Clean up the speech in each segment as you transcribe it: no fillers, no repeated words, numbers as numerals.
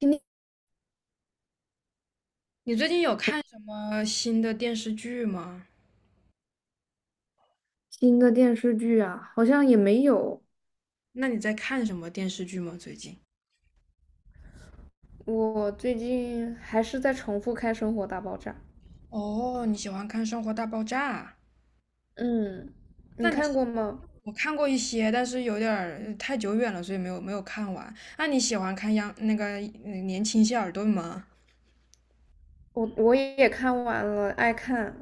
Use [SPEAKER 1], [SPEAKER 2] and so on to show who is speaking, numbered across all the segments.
[SPEAKER 1] 今天
[SPEAKER 2] 你最近有看什么新的电视剧吗？
[SPEAKER 1] 新的电视剧啊，好像也没有。
[SPEAKER 2] 那你在看什么电视剧吗？最近？
[SPEAKER 1] 我最近还是在重复看《生活大爆炸》。
[SPEAKER 2] 哦，你喜欢看《生活大爆炸》？
[SPEAKER 1] 嗯，
[SPEAKER 2] 那
[SPEAKER 1] 你
[SPEAKER 2] 你
[SPEAKER 1] 看过吗？
[SPEAKER 2] 我看过一些，但是有点儿太久远了，所以没有看完。那你喜欢看央那个年轻谢尔顿吗？
[SPEAKER 1] 我也看完了，爱看，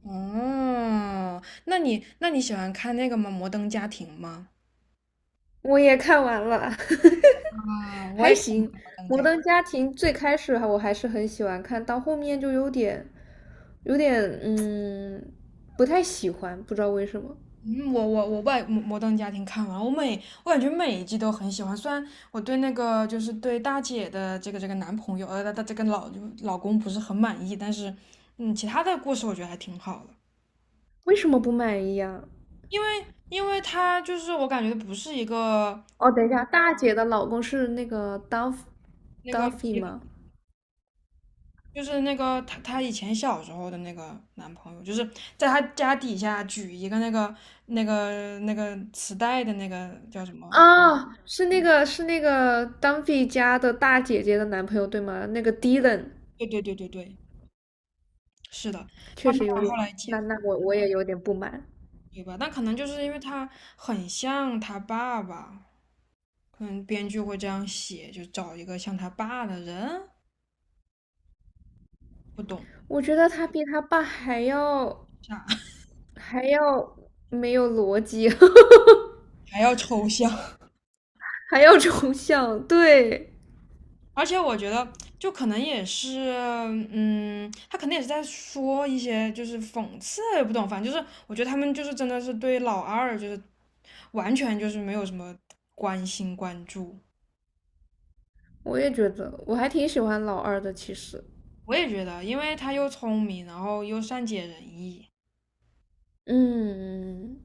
[SPEAKER 2] 哦，那你喜欢看那个吗？《摩登家庭》吗？
[SPEAKER 1] 我也看完了，
[SPEAKER 2] 啊，我
[SPEAKER 1] 还
[SPEAKER 2] 也看
[SPEAKER 1] 行。
[SPEAKER 2] 《摩登
[SPEAKER 1] 《摩
[SPEAKER 2] 家庭》。
[SPEAKER 1] 登家庭》最开始我还是很喜欢看，到后面就有点，有点嗯，不太喜欢，不知道为什么。
[SPEAKER 2] 嗯，我外摩摩登家庭》看完了，我感觉每一季都很喜欢。虽然我对那个就是对大姐的这个男朋友，呃，她这个老公不是很满意，但是嗯，其他的故事我觉得还挺好的。
[SPEAKER 1] 为什么不满意啊？
[SPEAKER 2] 因为他就是我感觉不是一个
[SPEAKER 1] 哦，等一下，大姐的老公是那个
[SPEAKER 2] 那个，
[SPEAKER 1] Duffy 吗？
[SPEAKER 2] 就是那个他以前小时候的那个男朋友，就是在他家底下举一个那个那个磁带的那个叫什么？
[SPEAKER 1] 啊，是那个 Dumpy 家的大姐姐的男朋友对吗？那个 Dylan
[SPEAKER 2] 对，是的，他
[SPEAKER 1] 确
[SPEAKER 2] 们
[SPEAKER 1] 实有
[SPEAKER 2] 俩后
[SPEAKER 1] 点，
[SPEAKER 2] 来结。
[SPEAKER 1] 那我也有点不满，
[SPEAKER 2] 对吧？但可能就是因为他很像他爸爸，可能编剧会这样写，就找一个像他爸的人，不懂
[SPEAKER 1] 我觉得他比他爸还要
[SPEAKER 2] 啥，
[SPEAKER 1] 还要没有逻辑，
[SPEAKER 2] 还要抽象。
[SPEAKER 1] 还要抽象。对，
[SPEAKER 2] 而且我觉得，就可能也是，嗯，他可能也是在说一些就是讽刺，也不懂，反正就是我觉得他们就是真的是对老二就是完全就是没有什么关注。
[SPEAKER 1] 我也觉得，我还挺喜欢老二的，其实。
[SPEAKER 2] 我也觉得，因为他又聪明，然后又善解人意，
[SPEAKER 1] 嗯，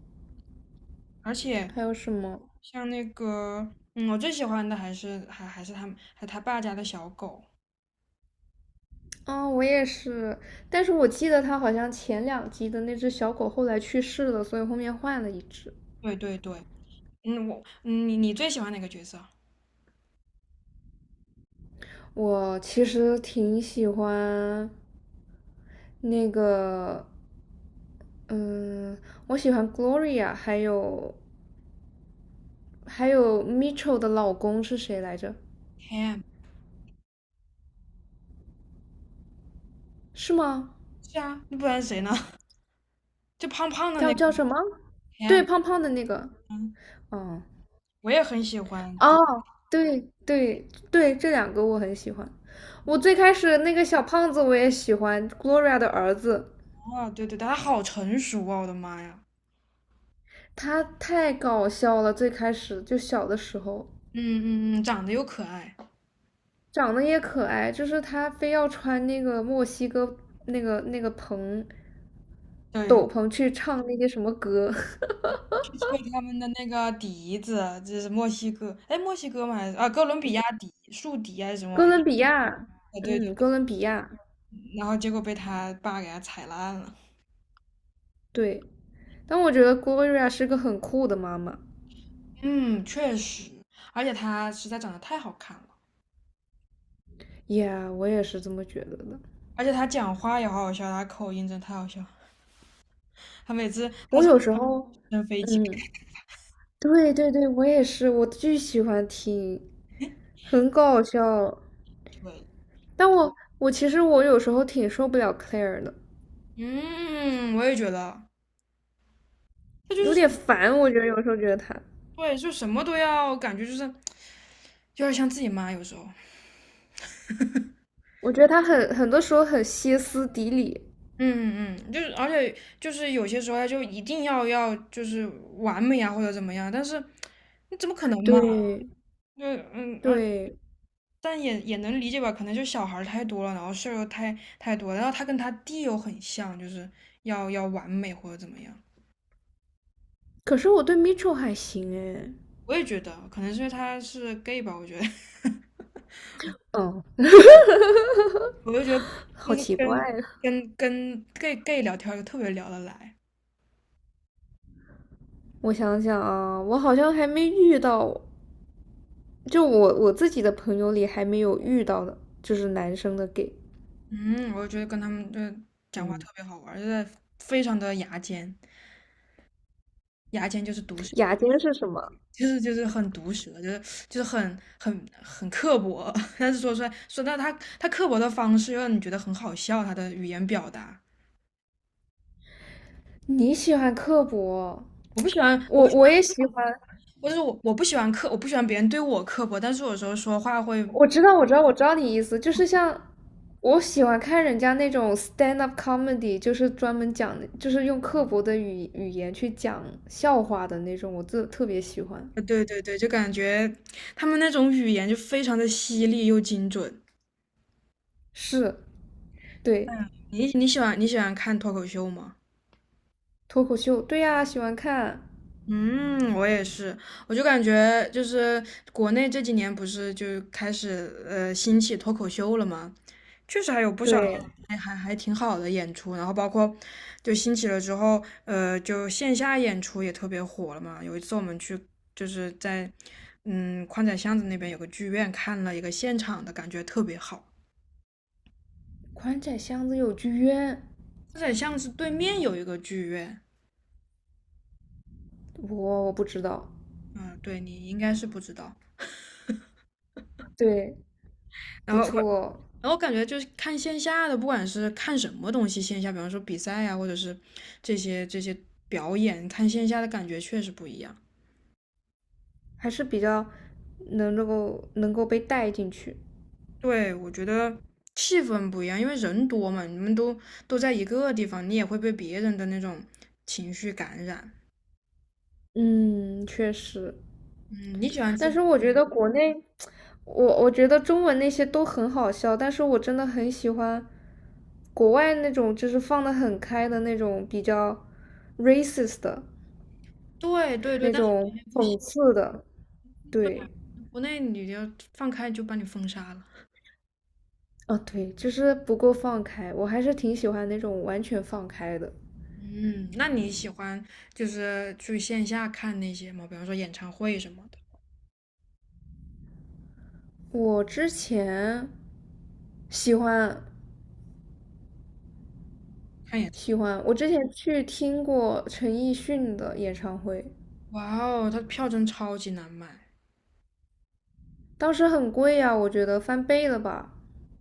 [SPEAKER 2] 而且
[SPEAKER 1] 还有什么？
[SPEAKER 2] 像那个，嗯，我最喜欢的还是他们，还他爸家的小狗。
[SPEAKER 1] 啊？我也是，但是我记得他好像前两集的那只小狗后来去世了，所以后面换了一只。
[SPEAKER 2] 对对对，嗯，我，嗯你最喜欢哪个角色
[SPEAKER 1] 我其实挺喜欢那个，嗯，我喜欢 Gloria，还有 Mitchell 的老公是谁来着？
[SPEAKER 2] ？Cam。
[SPEAKER 1] 是吗？
[SPEAKER 2] 是啊，那不然谁呢？就胖胖的那
[SPEAKER 1] 叫
[SPEAKER 2] 个
[SPEAKER 1] 叫什么？
[SPEAKER 2] Cam。
[SPEAKER 1] 对，胖胖的那个。
[SPEAKER 2] 嗯，
[SPEAKER 1] 嗯，
[SPEAKER 2] 我也很喜欢。
[SPEAKER 1] 哦，对对对，这两个我很喜欢。我最开始那个小胖子我也喜欢，Gloria 的儿子，
[SPEAKER 2] 哦，对对，对他好成熟啊，我的妈呀！
[SPEAKER 1] 他太搞笑了。最开始就小的时候。
[SPEAKER 2] 嗯，长得又可爱。
[SPEAKER 1] 长得也可爱，就是他非要穿那个墨西哥那个蓬
[SPEAKER 2] 对，
[SPEAKER 1] 斗篷去唱那些什么歌，
[SPEAKER 2] 去吹他们的那个笛子，这是墨西哥，哎，墨西哥吗？还是啊，哥伦比亚笛，竖笛啊还是什么
[SPEAKER 1] 哥
[SPEAKER 2] 玩意儿？
[SPEAKER 1] 伦比亚，
[SPEAKER 2] 啊，对，
[SPEAKER 1] 嗯，哥伦比亚，
[SPEAKER 2] 然后结果被他爸给他踩烂了。
[SPEAKER 1] 对。但我觉得 Gloria 是个很酷的妈妈
[SPEAKER 2] 嗯，确实，而且他实在长得太好看了，
[SPEAKER 1] y 我也是这么觉得的。
[SPEAKER 2] 而且他讲话也好好笑，他口音真的太好笑。他每次他
[SPEAKER 1] 我
[SPEAKER 2] 从
[SPEAKER 1] 有
[SPEAKER 2] 直
[SPEAKER 1] 时候，
[SPEAKER 2] 升飞机开
[SPEAKER 1] 嗯，对对对，我也是，我巨喜欢听，很搞笑。
[SPEAKER 2] 始
[SPEAKER 1] 但我我其实我有时候挺受不了 Claire 的，
[SPEAKER 2] 嗯，我也觉得他就是
[SPEAKER 1] 有
[SPEAKER 2] 什
[SPEAKER 1] 点
[SPEAKER 2] 么
[SPEAKER 1] 烦，我觉得有时候觉得她。
[SPEAKER 2] 对，就什么都要，感觉就是有点像自己妈有时候。
[SPEAKER 1] 我觉得他很多时候很歇斯底里。
[SPEAKER 2] 嗯嗯，就是而且就是有些时候他就一定要就是完美啊或者怎么样，但是你怎么可能嘛？
[SPEAKER 1] 对
[SPEAKER 2] 就嗯，
[SPEAKER 1] 对，
[SPEAKER 2] 但也能理解吧，可能就小孩儿太多了，然后事儿太多了然后他跟他弟又很像，就是要完美或者怎么样。
[SPEAKER 1] 可是我对 Mitchell 还行哎，
[SPEAKER 2] 我也觉得，可能是因为他是 gay 吧，我觉得，
[SPEAKER 1] 嗯，
[SPEAKER 2] 我就觉得就
[SPEAKER 1] 好
[SPEAKER 2] 是
[SPEAKER 1] 奇怪
[SPEAKER 2] 跟
[SPEAKER 1] 啊！
[SPEAKER 2] 跟 gay 聊天就特别聊得来，
[SPEAKER 1] 我想想啊，我好像还没遇到，就我自己的朋友里还没有遇到的，就是男生的 gay。
[SPEAKER 2] 嗯，我就觉得跟他们就讲话
[SPEAKER 1] 嗯，
[SPEAKER 2] 特别好玩儿就是非常的牙尖，牙尖就是毒舌。
[SPEAKER 1] 雅间是什么？
[SPEAKER 2] 就是很毒舌，就是就是很刻薄，但是说出来说到他刻薄的方式，又让你觉得很好笑，他的语言表达。
[SPEAKER 1] 你喜欢刻薄，
[SPEAKER 2] 我不喜欢，我
[SPEAKER 1] 我
[SPEAKER 2] 不喜，
[SPEAKER 1] 我也喜欢，
[SPEAKER 2] 我不喜欢刻，我不喜欢别人对我刻薄，但是有时候说话会，
[SPEAKER 1] 我知道，我知道，我知道你意思，就是像我喜欢看人家那种 stand up comedy，就是专门讲，就是用刻薄的语言去讲笑话的那种，我特别喜欢。
[SPEAKER 2] 对对对，就感觉他们那种语言就非常的犀利又精准。
[SPEAKER 1] 是，对，
[SPEAKER 2] 你喜欢看脱口秀吗？
[SPEAKER 1] 脱口秀，对呀，喜欢看。
[SPEAKER 2] 嗯，我也是，我就感觉就是国内这几年不是就开始兴起脱口秀了吗？确实还有不少
[SPEAKER 1] 对，
[SPEAKER 2] 还挺好的演出，然后包括就兴起了之后，呃，就线下演出也特别火了嘛。有一次我们去就是在嗯宽窄巷子那边有个剧院看了一个现场的，感觉特别好。
[SPEAKER 1] 宽窄巷子有剧院，
[SPEAKER 2] 宽窄巷子对面有一个剧院，
[SPEAKER 1] 我不知道。
[SPEAKER 2] 嗯，对你应该是不知道。
[SPEAKER 1] 对，
[SPEAKER 2] 然
[SPEAKER 1] 不
[SPEAKER 2] 后
[SPEAKER 1] 错，
[SPEAKER 2] 然后感觉就是看线下的，不管是看什么东西，线下比方说比赛啊，或者是这些表演，看线下的感觉确实不一样。
[SPEAKER 1] 还是比较能够被带进去。
[SPEAKER 2] 对，我觉得气氛不一样，因为人多嘛，你们都在一个地方，你也会被别人的那种情绪感染。
[SPEAKER 1] 嗯，确实。
[SPEAKER 2] 嗯，你喜欢
[SPEAKER 1] 但
[SPEAKER 2] 去，
[SPEAKER 1] 是我觉得国内，我觉得中文那些都很好笑，但是我真的很喜欢国外那种就是放的很开的那种比较 racist 的
[SPEAKER 2] 对，
[SPEAKER 1] 那
[SPEAKER 2] 但是国
[SPEAKER 1] 种
[SPEAKER 2] 内不行，
[SPEAKER 1] 讽刺的，对，
[SPEAKER 2] 国内你要放开就把你封杀了。
[SPEAKER 1] 啊对，就是不够放开，我还是挺喜欢那种完全放开的。
[SPEAKER 2] 嗯，那你喜欢就是去线下看那些吗？比方说演唱会什么的，
[SPEAKER 1] 我之前喜欢
[SPEAKER 2] 看演唱
[SPEAKER 1] 喜
[SPEAKER 2] 会。
[SPEAKER 1] 欢，我之前去听过陈奕迅的演唱会，
[SPEAKER 2] 哇哦，他票真超级难买，
[SPEAKER 1] 当时很贵呀，我觉得翻倍了吧。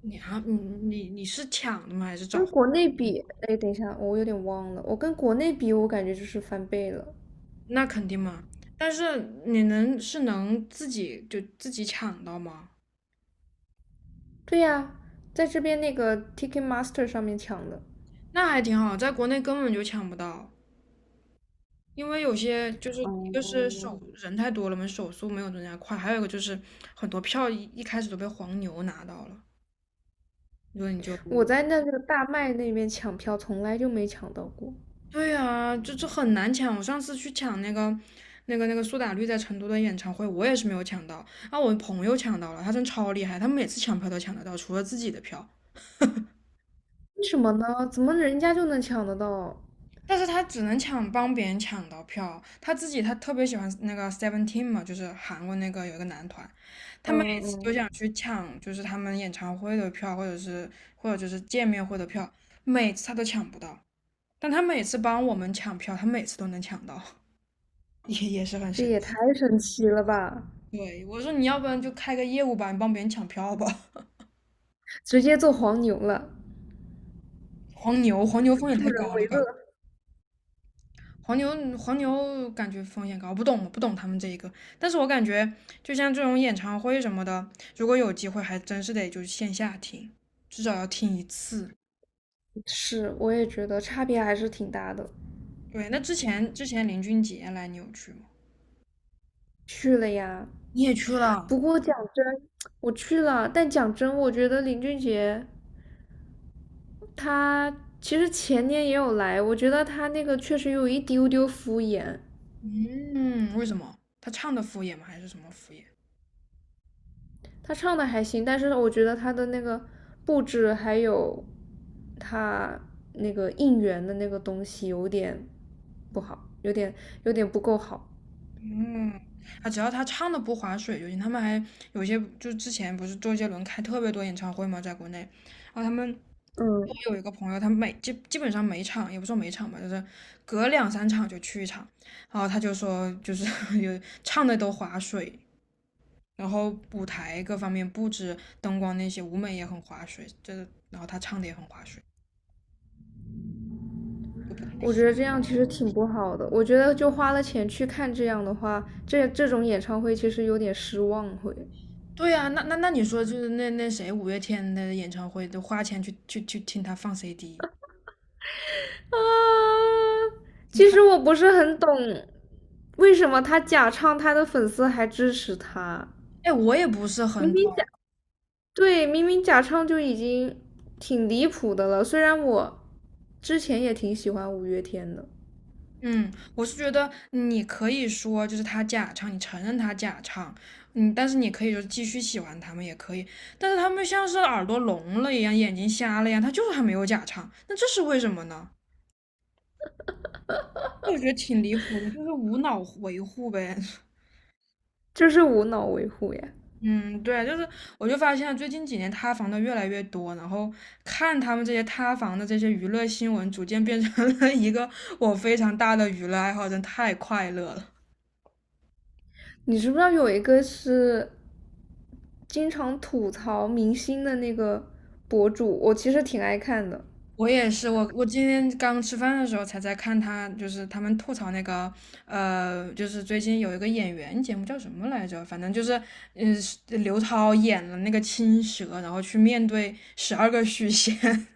[SPEAKER 2] 你啊，你是抢的吗？还是
[SPEAKER 1] 跟
[SPEAKER 2] 找？
[SPEAKER 1] 国内比，哎，等一下，我有点忘了。我跟国内比，我感觉就是翻倍了。
[SPEAKER 2] 那肯定嘛。但是你能是能自己就自己抢到吗？
[SPEAKER 1] 对呀，在这边那个 Ticketmaster 上面抢的，
[SPEAKER 2] 那还挺好，在国内根本就抢不到，因为有些就是一个是
[SPEAKER 1] 哦，
[SPEAKER 2] 手人太多了嘛，手速没有人家快，还有一个就是很多票一开始都被黄牛拿到了，所以你就
[SPEAKER 1] 我在那个大麦那边抢票从来就没抢到过。
[SPEAKER 2] 对呀、就这很难抢。我上次去抢那个那个苏打绿在成都的演唱会，我也是没有抢到，啊，我朋友抢到了，他真超厉害，他每次抢票都抢得到，除了自己的票。
[SPEAKER 1] 为什么呢？怎么人家就能抢得到？
[SPEAKER 2] 但是他只能抢帮别人抢到票，他自己他特别喜欢那个 Seventeen 嘛，就是韩国那个有一个男团，他
[SPEAKER 1] 嗯
[SPEAKER 2] 们。
[SPEAKER 1] 嗯，嗯
[SPEAKER 2] 去抢，就是他们演唱会的票，或者是或者就是见面会的票，每次他都抢不到，但他每次帮我们抢票，他每次都能抢到，也是很
[SPEAKER 1] 这
[SPEAKER 2] 神
[SPEAKER 1] 也太
[SPEAKER 2] 奇。
[SPEAKER 1] 神奇了吧！
[SPEAKER 2] 对，我说你要不然就开个业务吧，你帮别人抢票吧。
[SPEAKER 1] 直接做黄牛了，
[SPEAKER 2] 黄牛，黄牛风险
[SPEAKER 1] 助
[SPEAKER 2] 太高
[SPEAKER 1] 人
[SPEAKER 2] 了
[SPEAKER 1] 为乐。
[SPEAKER 2] 吧？黄牛，黄牛感觉风险高，不懂，我不懂他们这一个。但是我感觉，就像这种演唱会什么的，如果有机会，还真是得就是线下听，至少要听一次。
[SPEAKER 1] 是，我也觉得差别还是挺大的。
[SPEAKER 2] 对，那之前林俊杰来你有去吗？
[SPEAKER 1] 去了呀，
[SPEAKER 2] 你也去了，
[SPEAKER 1] 不过讲真，我去了，但讲真，我觉得林俊杰他其实前年也有来，我觉得他那个确实有一丢丢敷衍，
[SPEAKER 2] 嗯，为什么？他唱的敷衍吗？还是什么敷衍？
[SPEAKER 1] 他唱的还行，但是我觉得他的那个布置还有他那个应援的那个东西有点不好，有点不够好。
[SPEAKER 2] 嗯，啊，只要他唱的不划水就行。他们还有些，就之前不是周杰伦开特别多演唱会嘛，在国内，然后他们我
[SPEAKER 1] 嗯，
[SPEAKER 2] 有一个朋友，他每基本上每场，也不说每场吧，就是隔两三场就去一场，然后他就说，就是 有唱的都划水，然后舞台各方面布置、灯光那些舞美也很划水，这然后他唱的也很划水。
[SPEAKER 1] 我觉得这样其实挺不好的，我觉得就花了钱去看这样的话，这种演唱会其实有点失望会。
[SPEAKER 2] 对呀，那你说就是那谁五月天的演唱会都花钱去听他放 CD，
[SPEAKER 1] 啊，其
[SPEAKER 2] 他
[SPEAKER 1] 实我不是很懂，为什么他假唱，他的粉丝还支持他？
[SPEAKER 2] 哎我也不是
[SPEAKER 1] 明
[SPEAKER 2] 很懂，
[SPEAKER 1] 明假，对，明明假唱就已经挺离谱的了。虽然我之前也挺喜欢五月天的，
[SPEAKER 2] 嗯，我是觉得你可以说就是他假唱，你承认他假唱，嗯，但是你可以就是继续喜欢他们也可以，但是他们像是耳朵聋了一样，眼睛瞎了一样，他就是还没有假唱，那这是为什么呢？我觉得挺离谱的，就是无脑维护呗。
[SPEAKER 1] 这是无脑维护呀。
[SPEAKER 2] 嗯，对，就是我就发现最近几年塌房的越来越多，然后看他们这些塌房的这些娱乐新闻，逐渐变成了一个我非常大的娱乐爱好，真太快乐了。
[SPEAKER 1] 你知不知道有一个是经常吐槽明星的那个博主？我其实挺爱看的，
[SPEAKER 2] 我也是，我今天刚吃饭的时候才在看他，就是他们吐槽那个，就是最近有一个演员节目叫什么来着？反正就是，嗯、是刘涛演了那个青蛇，然后去面对十二个许仙，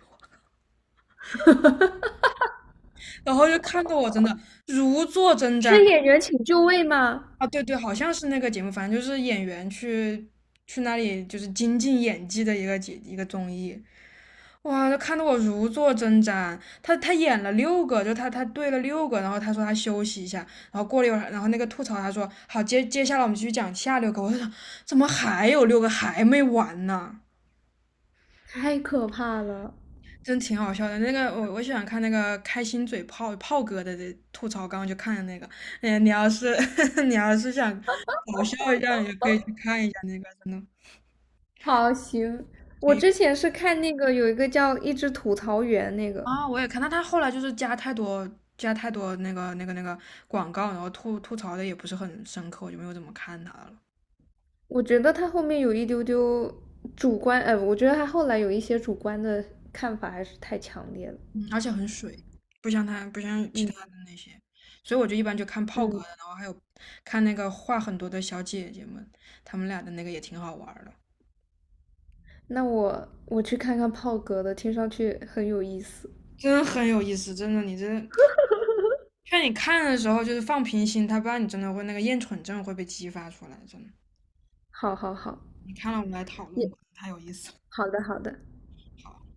[SPEAKER 2] 然后就看得我真的如坐针毡。
[SPEAKER 1] 是演员请就位吗？
[SPEAKER 2] 啊，对对，好像是那个节目，反正就是演员去去那里就是精进演技的一个综艺，哇，看得我如坐针毡。他他演了六个，就他对了六个，然后他说他休息一下，然后过了一会儿，然后那个吐槽他说好，接下来我们继续讲下六个。我说怎么还有六个还没完呢？
[SPEAKER 1] 太可怕了！
[SPEAKER 2] 真挺好笑的。那个我喜欢看那个开心嘴炮炮哥的这吐槽，刚刚就看的那个。哎，你要是 你要是想搞笑一下，你就可以去看一下那个，真的。
[SPEAKER 1] 好，行。我
[SPEAKER 2] 对
[SPEAKER 1] 之前是看那个有一个叫《一只吐槽员》那个，
[SPEAKER 2] 啊，我也看，但他后来就是加太多那个那个广告，然后吐吐槽的也不是很深刻，我就没有怎么看他了。
[SPEAKER 1] 我觉得他后面有一丢丢主观，我觉得他后来有一些主观的看法还是太强烈了。
[SPEAKER 2] 嗯而且很水，不像其他
[SPEAKER 1] 嗯
[SPEAKER 2] 的那些，所以我就一般就看炮哥的，
[SPEAKER 1] 嗯，
[SPEAKER 2] 然后还有看那个话很多的小姐姐们，她们俩的那个也挺好玩儿的。
[SPEAKER 1] 那我去看看炮哥的，听上去很有意思。
[SPEAKER 2] 真的很有意思，真的，劝你看的时候就是放平心，他不然你真的会那个厌蠢症会被激发出来，真的。
[SPEAKER 1] 好好好，
[SPEAKER 2] 你看了我们来讨
[SPEAKER 1] 你
[SPEAKER 2] 论，太有意思了。
[SPEAKER 1] 好的好的。
[SPEAKER 2] 好。